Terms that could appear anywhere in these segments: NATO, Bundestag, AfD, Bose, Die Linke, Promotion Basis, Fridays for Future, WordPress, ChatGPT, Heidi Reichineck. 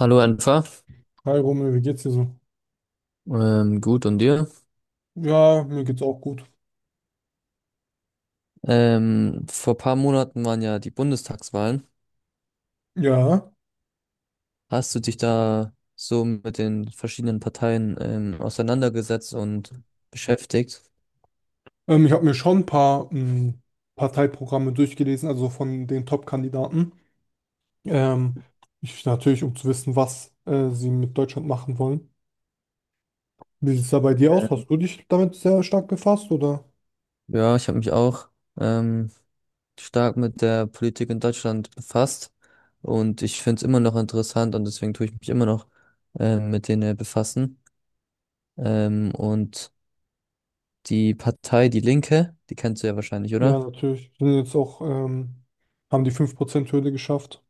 Hallo Enfer. Hi Romeo, wie geht's dir so? Gut und dir? Ja, mir geht's auch gut. Vor paar Monaten waren ja die Bundestagswahlen. Ja, Hast du dich da so mit den verschiedenen Parteien auseinandergesetzt und beschäftigt? Ich habe mir schon ein paar Parteiprogramme durchgelesen, also von den Top-Kandidaten. Ähm, Ich natürlich, um zu wissen, was sie mit Deutschland machen wollen. Wie sieht's da bei dir aus? Hast du dich damit sehr stark befasst, oder? Ja, ich habe mich auch ähm, stark mit der Politik in Deutschland befasst und ich finde es immer noch interessant und deswegen tue ich mich immer noch mit denen befassen. Und die Partei Die Linke, die kennst du ja wahrscheinlich, Ja, oder? natürlich. Haben die 5% hürde geschafft.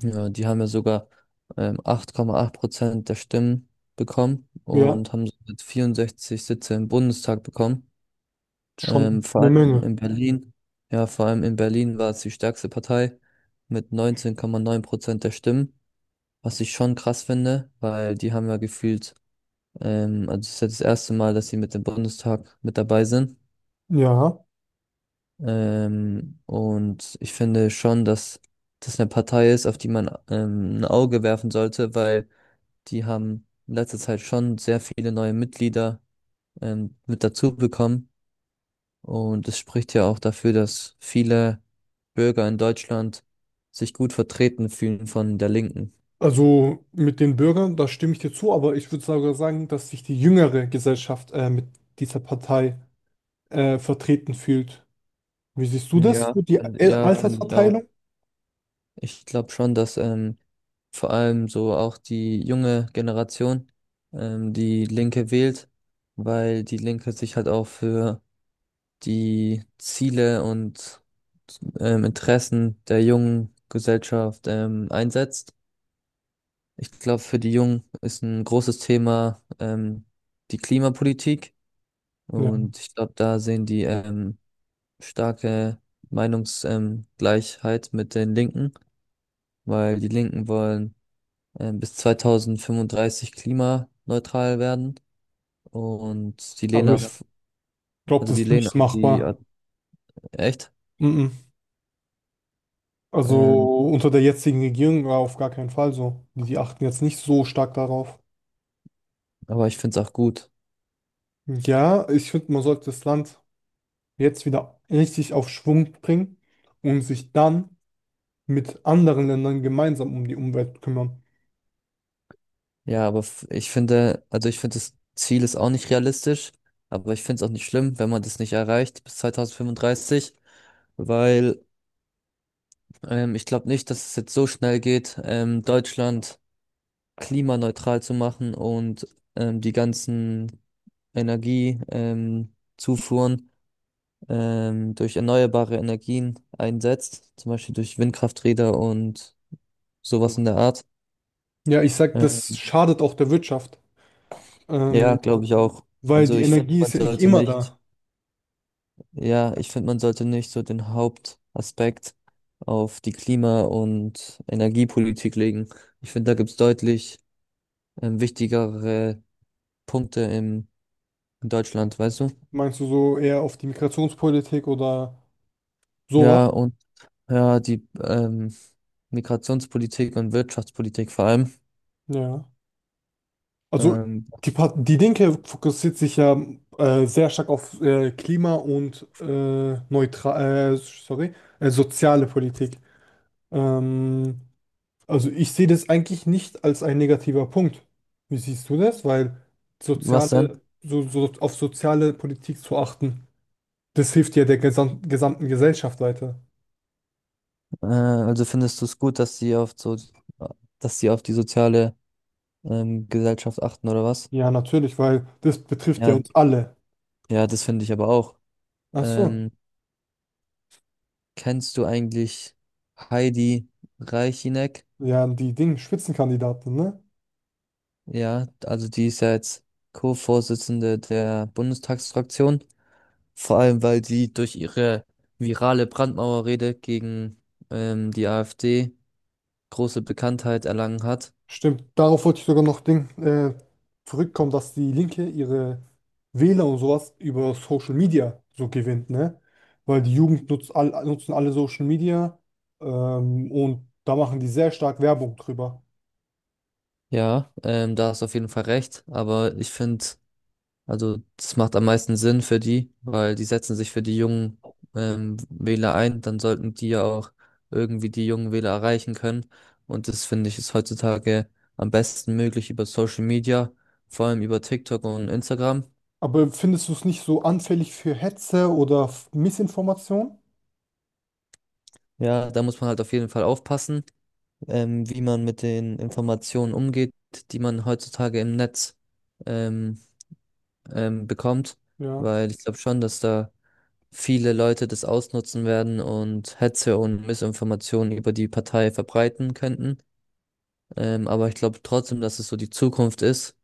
Ja, die haben ja sogar 8,8% der Stimmen bekommen Ja, und haben somit 64 Sitze im Bundestag bekommen. schon Vor eine allem Menge. in Berlin, ja, vor allem in Berlin war es die stärkste Partei mit 19,9% der Stimmen, was ich schon krass finde, weil die haben ja gefühlt, Also es ist ja das erste Mal, dass sie mit dem Bundestag mit dabei sind. Ja. Und ich finde schon, dass das eine Partei ist, auf die man ein Auge werfen sollte, weil die haben in letzter Zeit schon sehr viele neue Mitglieder mit dazu bekommen. Und es spricht ja auch dafür, dass viele Bürger in Deutschland sich gut vertreten fühlen von der Linken. Also mit den Bürgern, da stimme ich dir zu, aber ich würde sogar sagen, dass sich die jüngere Gesellschaft mit dieser Partei vertreten fühlt. Wie siehst du das mit der Ja, finde ich auch. Altersverteilung? Ich glaube schon, dass vor allem so auch die junge Generation die Linke wählt, weil die Linke sich halt auch für die Ziele und Interessen der jungen Gesellschaft einsetzt. Ich glaube, für die Jungen ist ein großes Thema die Klimapolitik Ja, und ich glaube, da sehen die starke Meinungsgleichheit Gleichheit mit den Linken, weil die Linken wollen bis 2035 klimaneutral werden und die aber lehnen ja. ich ja. auf, glaube, also das die ist lehnen nicht auf machbar. echt, Mhm. ähm, Also unter der jetzigen Regierung war auf gar keinen Fall so. Die achten jetzt nicht so stark darauf. aber ich finde es auch gut. Ja, ich finde, man sollte das Land jetzt wieder richtig auf Schwung bringen und sich dann mit anderen Ländern gemeinsam um die Umwelt kümmern. Ich finde, also ich finde, das Ziel ist auch nicht realistisch, aber ich finde es auch nicht schlimm, wenn man das nicht erreicht bis 2035, weil ich glaube nicht, dass es jetzt so schnell geht, Deutschland klimaneutral zu machen und die ganzen Energie, Zufuhren durch erneuerbare Energien einsetzt, zum Beispiel durch Windkrafträder und sowas in der Art. Ja, ich sag, Äh, das schadet auch der Wirtschaft, ja, ähm, glaube ich auch. weil Also die ich finde, Energie ist man ja nicht sollte immer nicht. da. Ja, ich finde, man sollte nicht so den Hauptaspekt auf die Klima- und Energiepolitik legen. Ich finde, da gibt's deutlich wichtigere Punkte in Deutschland, weißt du? Meinst du so eher auf die Migrationspolitik oder sowas? Ja, und ja, die Migrationspolitik und Wirtschaftspolitik vor allem. Ja. Also Ähm, die, Part- die Linke fokussiert sich ja sehr stark auf Klima und sorry, soziale Politik. Ähm, also ich sehe das eigentlich nicht als ein negativer Punkt. Wie siehst du das? Weil Was denn? so auf soziale Politik zu achten. Das hilft ja der gesamten Gesellschaft weiter. Also findest du es gut, dass sie auf die soziale Gesellschaft achten oder was? Ja, natürlich, weil das betrifft ja Ja, uns alle. ja, das finde ich aber auch. Ach so. Ähm, Kennst du eigentlich Heidi Reichineck? Ja, die Ding, Spitzenkandidaten, ne? Ja, also die ist ja jetzt Co-Vorsitzende der Bundestagsfraktion. Vor allem, weil sie durch ihre virale Brandmauerrede gegen die AfD große Bekanntheit erlangen hat. Stimmt, darauf wollte ich sogar noch zurückkommen, dass die Linke ihre Wähler und sowas über Social Media so gewinnt, ne? Weil die Jugend nutzt all, nutzen alle Social Media, und da machen die sehr stark Werbung drüber. Ja, da hast du auf jeden Fall recht. Aber ich finde, also das macht am meisten Sinn für die, weil die setzen sich für die jungen Wähler ein, dann sollten die ja auch irgendwie die jungen Wähler erreichen können. Und das finde ich ist heutzutage am besten möglich über Social Media, vor allem über TikTok und Instagram. Aber findest du es nicht so anfällig für Hetze oder Missinformation? Ja, da muss man halt auf jeden Fall aufpassen, wie man mit den Informationen umgeht, die man heutzutage im Netz ähm, bekommt, Ja. weil ich glaube schon, dass da viele Leute das ausnutzen werden und Hetze und Missinformationen über die Partei verbreiten könnten. Aber ich glaube trotzdem, dass es so die Zukunft ist.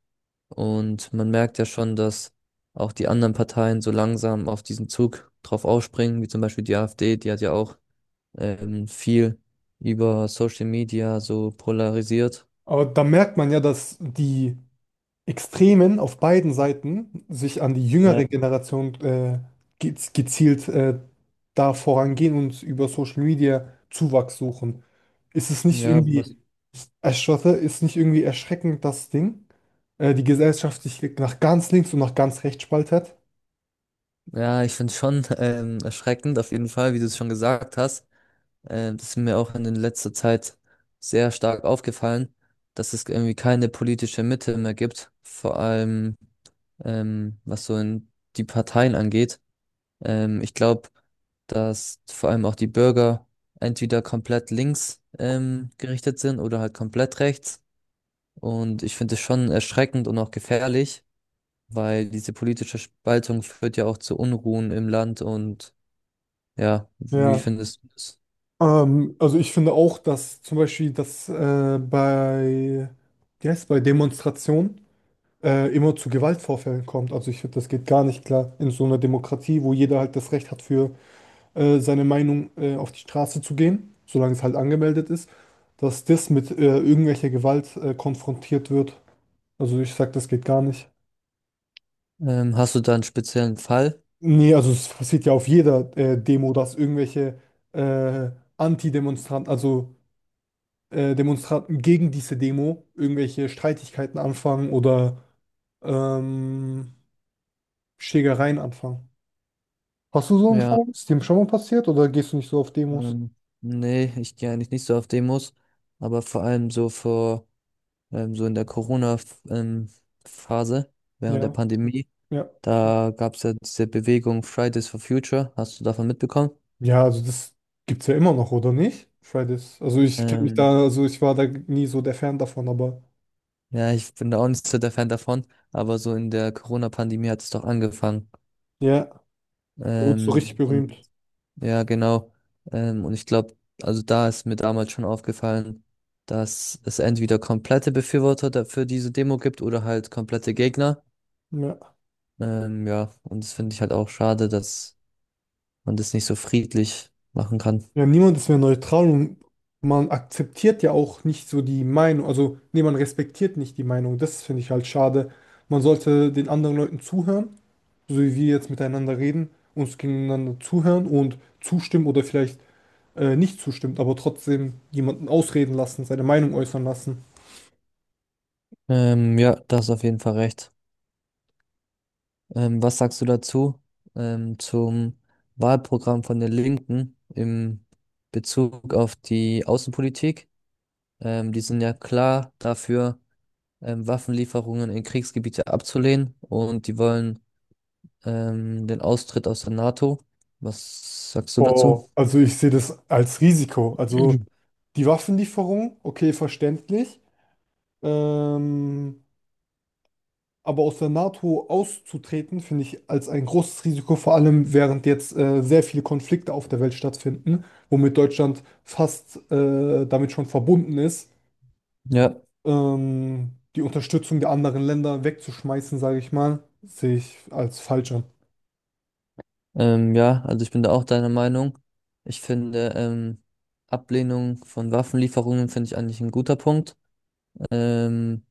Und man merkt ja schon, dass auch die anderen Parteien so langsam auf diesen Zug drauf aufspringen, wie zum Beispiel die AfD, die hat ja auch viel über Social Media so polarisiert. Aber da merkt man ja, dass die Extremen auf beiden Seiten sich an die Ja. jüngere Generation gezielt da vorangehen und über Social Media Zuwachs suchen. Ist es nicht Ja, irgendwie was? ist nicht irgendwie erschreckend, die Gesellschaft sich nach ganz links und nach ganz rechts spaltet? Ja, ich finde es schon erschreckend, auf jeden Fall, wie du es schon gesagt hast. Das ist mir auch in letzter Zeit sehr stark aufgefallen, dass es irgendwie keine politische Mitte mehr gibt, vor allem was so in die Parteien angeht. Ich glaube, dass vor allem auch die Bürger entweder komplett links gerichtet sind oder halt komplett rechts. Und ich finde es schon erschreckend und auch gefährlich, weil diese politische Spaltung führt ja auch zu Unruhen im Land und ja, wie Ja. findest du das? Also ich finde auch, dass zum Beispiel das bei, wie heißt bei Demonstrationen immer zu Gewaltvorfällen kommt. Also ich finde, das geht gar nicht klar in so einer Demokratie, wo jeder halt das Recht hat, für seine Meinung auf die Straße zu gehen, solange es halt angemeldet ist, dass das mit irgendwelcher Gewalt konfrontiert wird. Also ich sag, das geht gar nicht. Hast du da einen speziellen Fall? Nee, also es passiert ja auf jeder Demo, dass irgendwelche äh, Anti-Demonstranten, also Demonstranten gegen diese Demo irgendwelche Streitigkeiten anfangen oder ähm, Schlägereien anfangen. Hast du so einen Ja, Fall? Ist dir schon mal passiert oder gehst du nicht so auf Demos? ähm, nee, ich gehe eigentlich nicht so auf Demos, aber vor allem so in der Corona-Phase, während der Ja, Pandemie, ja. da gab es ja diese Bewegung Fridays for Future, hast du davon mitbekommen? Ja, also das gibt es ja immer noch, oder nicht? Fridays. Also ich kenne mich Ähm, da, also ich war da nie so der Fan davon, aber ja, ich bin da auch nicht so der Fan davon, aber so in der Corona-Pandemie hat es doch angefangen. ja, da wurde so richtig Ähm, und berühmt. Ja, genau. Und ich glaube, also da ist mir damals schon aufgefallen, dass es entweder komplette Befürworter für diese Demo gibt oder halt komplette Gegner. Ja. Ja, und das finde ich halt auch schade, dass man das nicht so friedlich machen kann. Ja, niemand ist mehr neutral und man akzeptiert ja auch nicht so die Meinung. Also, nee, man respektiert nicht die Meinung. Das finde ich halt schade. Man sollte den anderen Leuten zuhören, so wie wir jetzt miteinander reden, uns gegeneinander zuhören und zustimmen oder vielleicht nicht zustimmt aber trotzdem jemanden ausreden lassen, seine Meinung äußern lassen. Ja, da hast du auf jeden Fall recht. Was sagst du dazu, zum Wahlprogramm von den Linken im Bezug auf die Außenpolitik? Die sind ja klar dafür. Waffenlieferungen in Kriegsgebiete abzulehnen und die wollen den Austritt aus der NATO. Was sagst du dazu? Oh, also ich sehe das als Risiko. Also Mhm. die Waffenlieferung, okay, verständlich. Ähm, Aber aus der NATO auszutreten, finde ich als ein großes Risiko, vor allem während jetzt sehr viele Konflikte auf der Welt stattfinden, womit Deutschland fast damit schon verbunden ist, Ja, die Unterstützung der anderen Länder wegzuschmeißen, sage ich mal, sehe ich als falsch an. Ja, also ich bin da auch deiner Meinung. Ich finde, Ablehnung von Waffenlieferungen finde ich eigentlich ein guter Punkt. Ähm,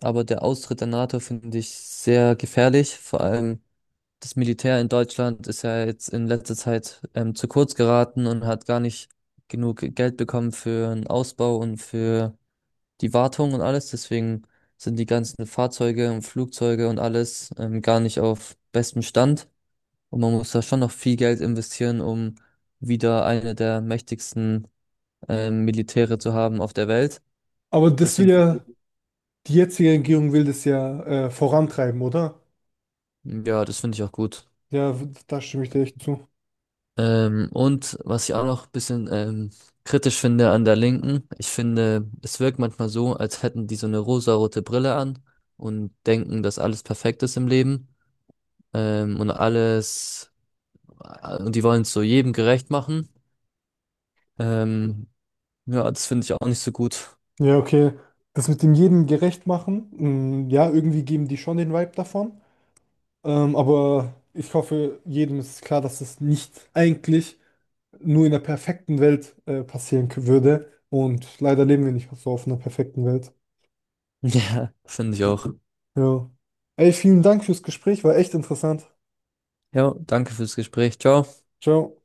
aber der Austritt der NATO finde ich sehr gefährlich. Vor allem das Militär in Deutschland ist ja jetzt in letzter Zeit zu kurz geraten und hat gar nicht genug Geld bekommen für einen Ausbau und für die Wartung und alles. Deswegen sind die ganzen Fahrzeuge und Flugzeuge und alles gar nicht auf bestem Stand. Und man muss da schon noch viel Geld investieren, um wieder eine der mächtigsten Militäre zu haben auf der Welt. Aber das Deswegen, will find ja, ich- Die jetzige Regierung will das ja vorantreiben, oder? hm, ja, das finde ich auch gut. Da stimme ich dir echt zu. Und was ich auch noch ein bisschen kritisch finde an der Linken, ich finde, es wirkt manchmal so, als hätten die so eine rosarote Brille an und denken, dass alles perfekt ist im Leben ähm, und alles und die wollen es so jedem gerecht machen. Ähm, ja, das finde ich auch nicht so gut. Ja, okay. Das mit dem jedem gerecht machen, mh, ja, irgendwie geben die schon den Vibe davon. Aber ich hoffe, jedem ist klar, dass es nicht eigentlich nur in der perfekten Welt würde. Und leider leben wir nicht so auf einer perfekten Welt. Ja. Finde ich auch. Ja. Ey, vielen Dank fürs Gespräch, war echt interessant. Ja, danke fürs Gespräch. Ciao. Ciao.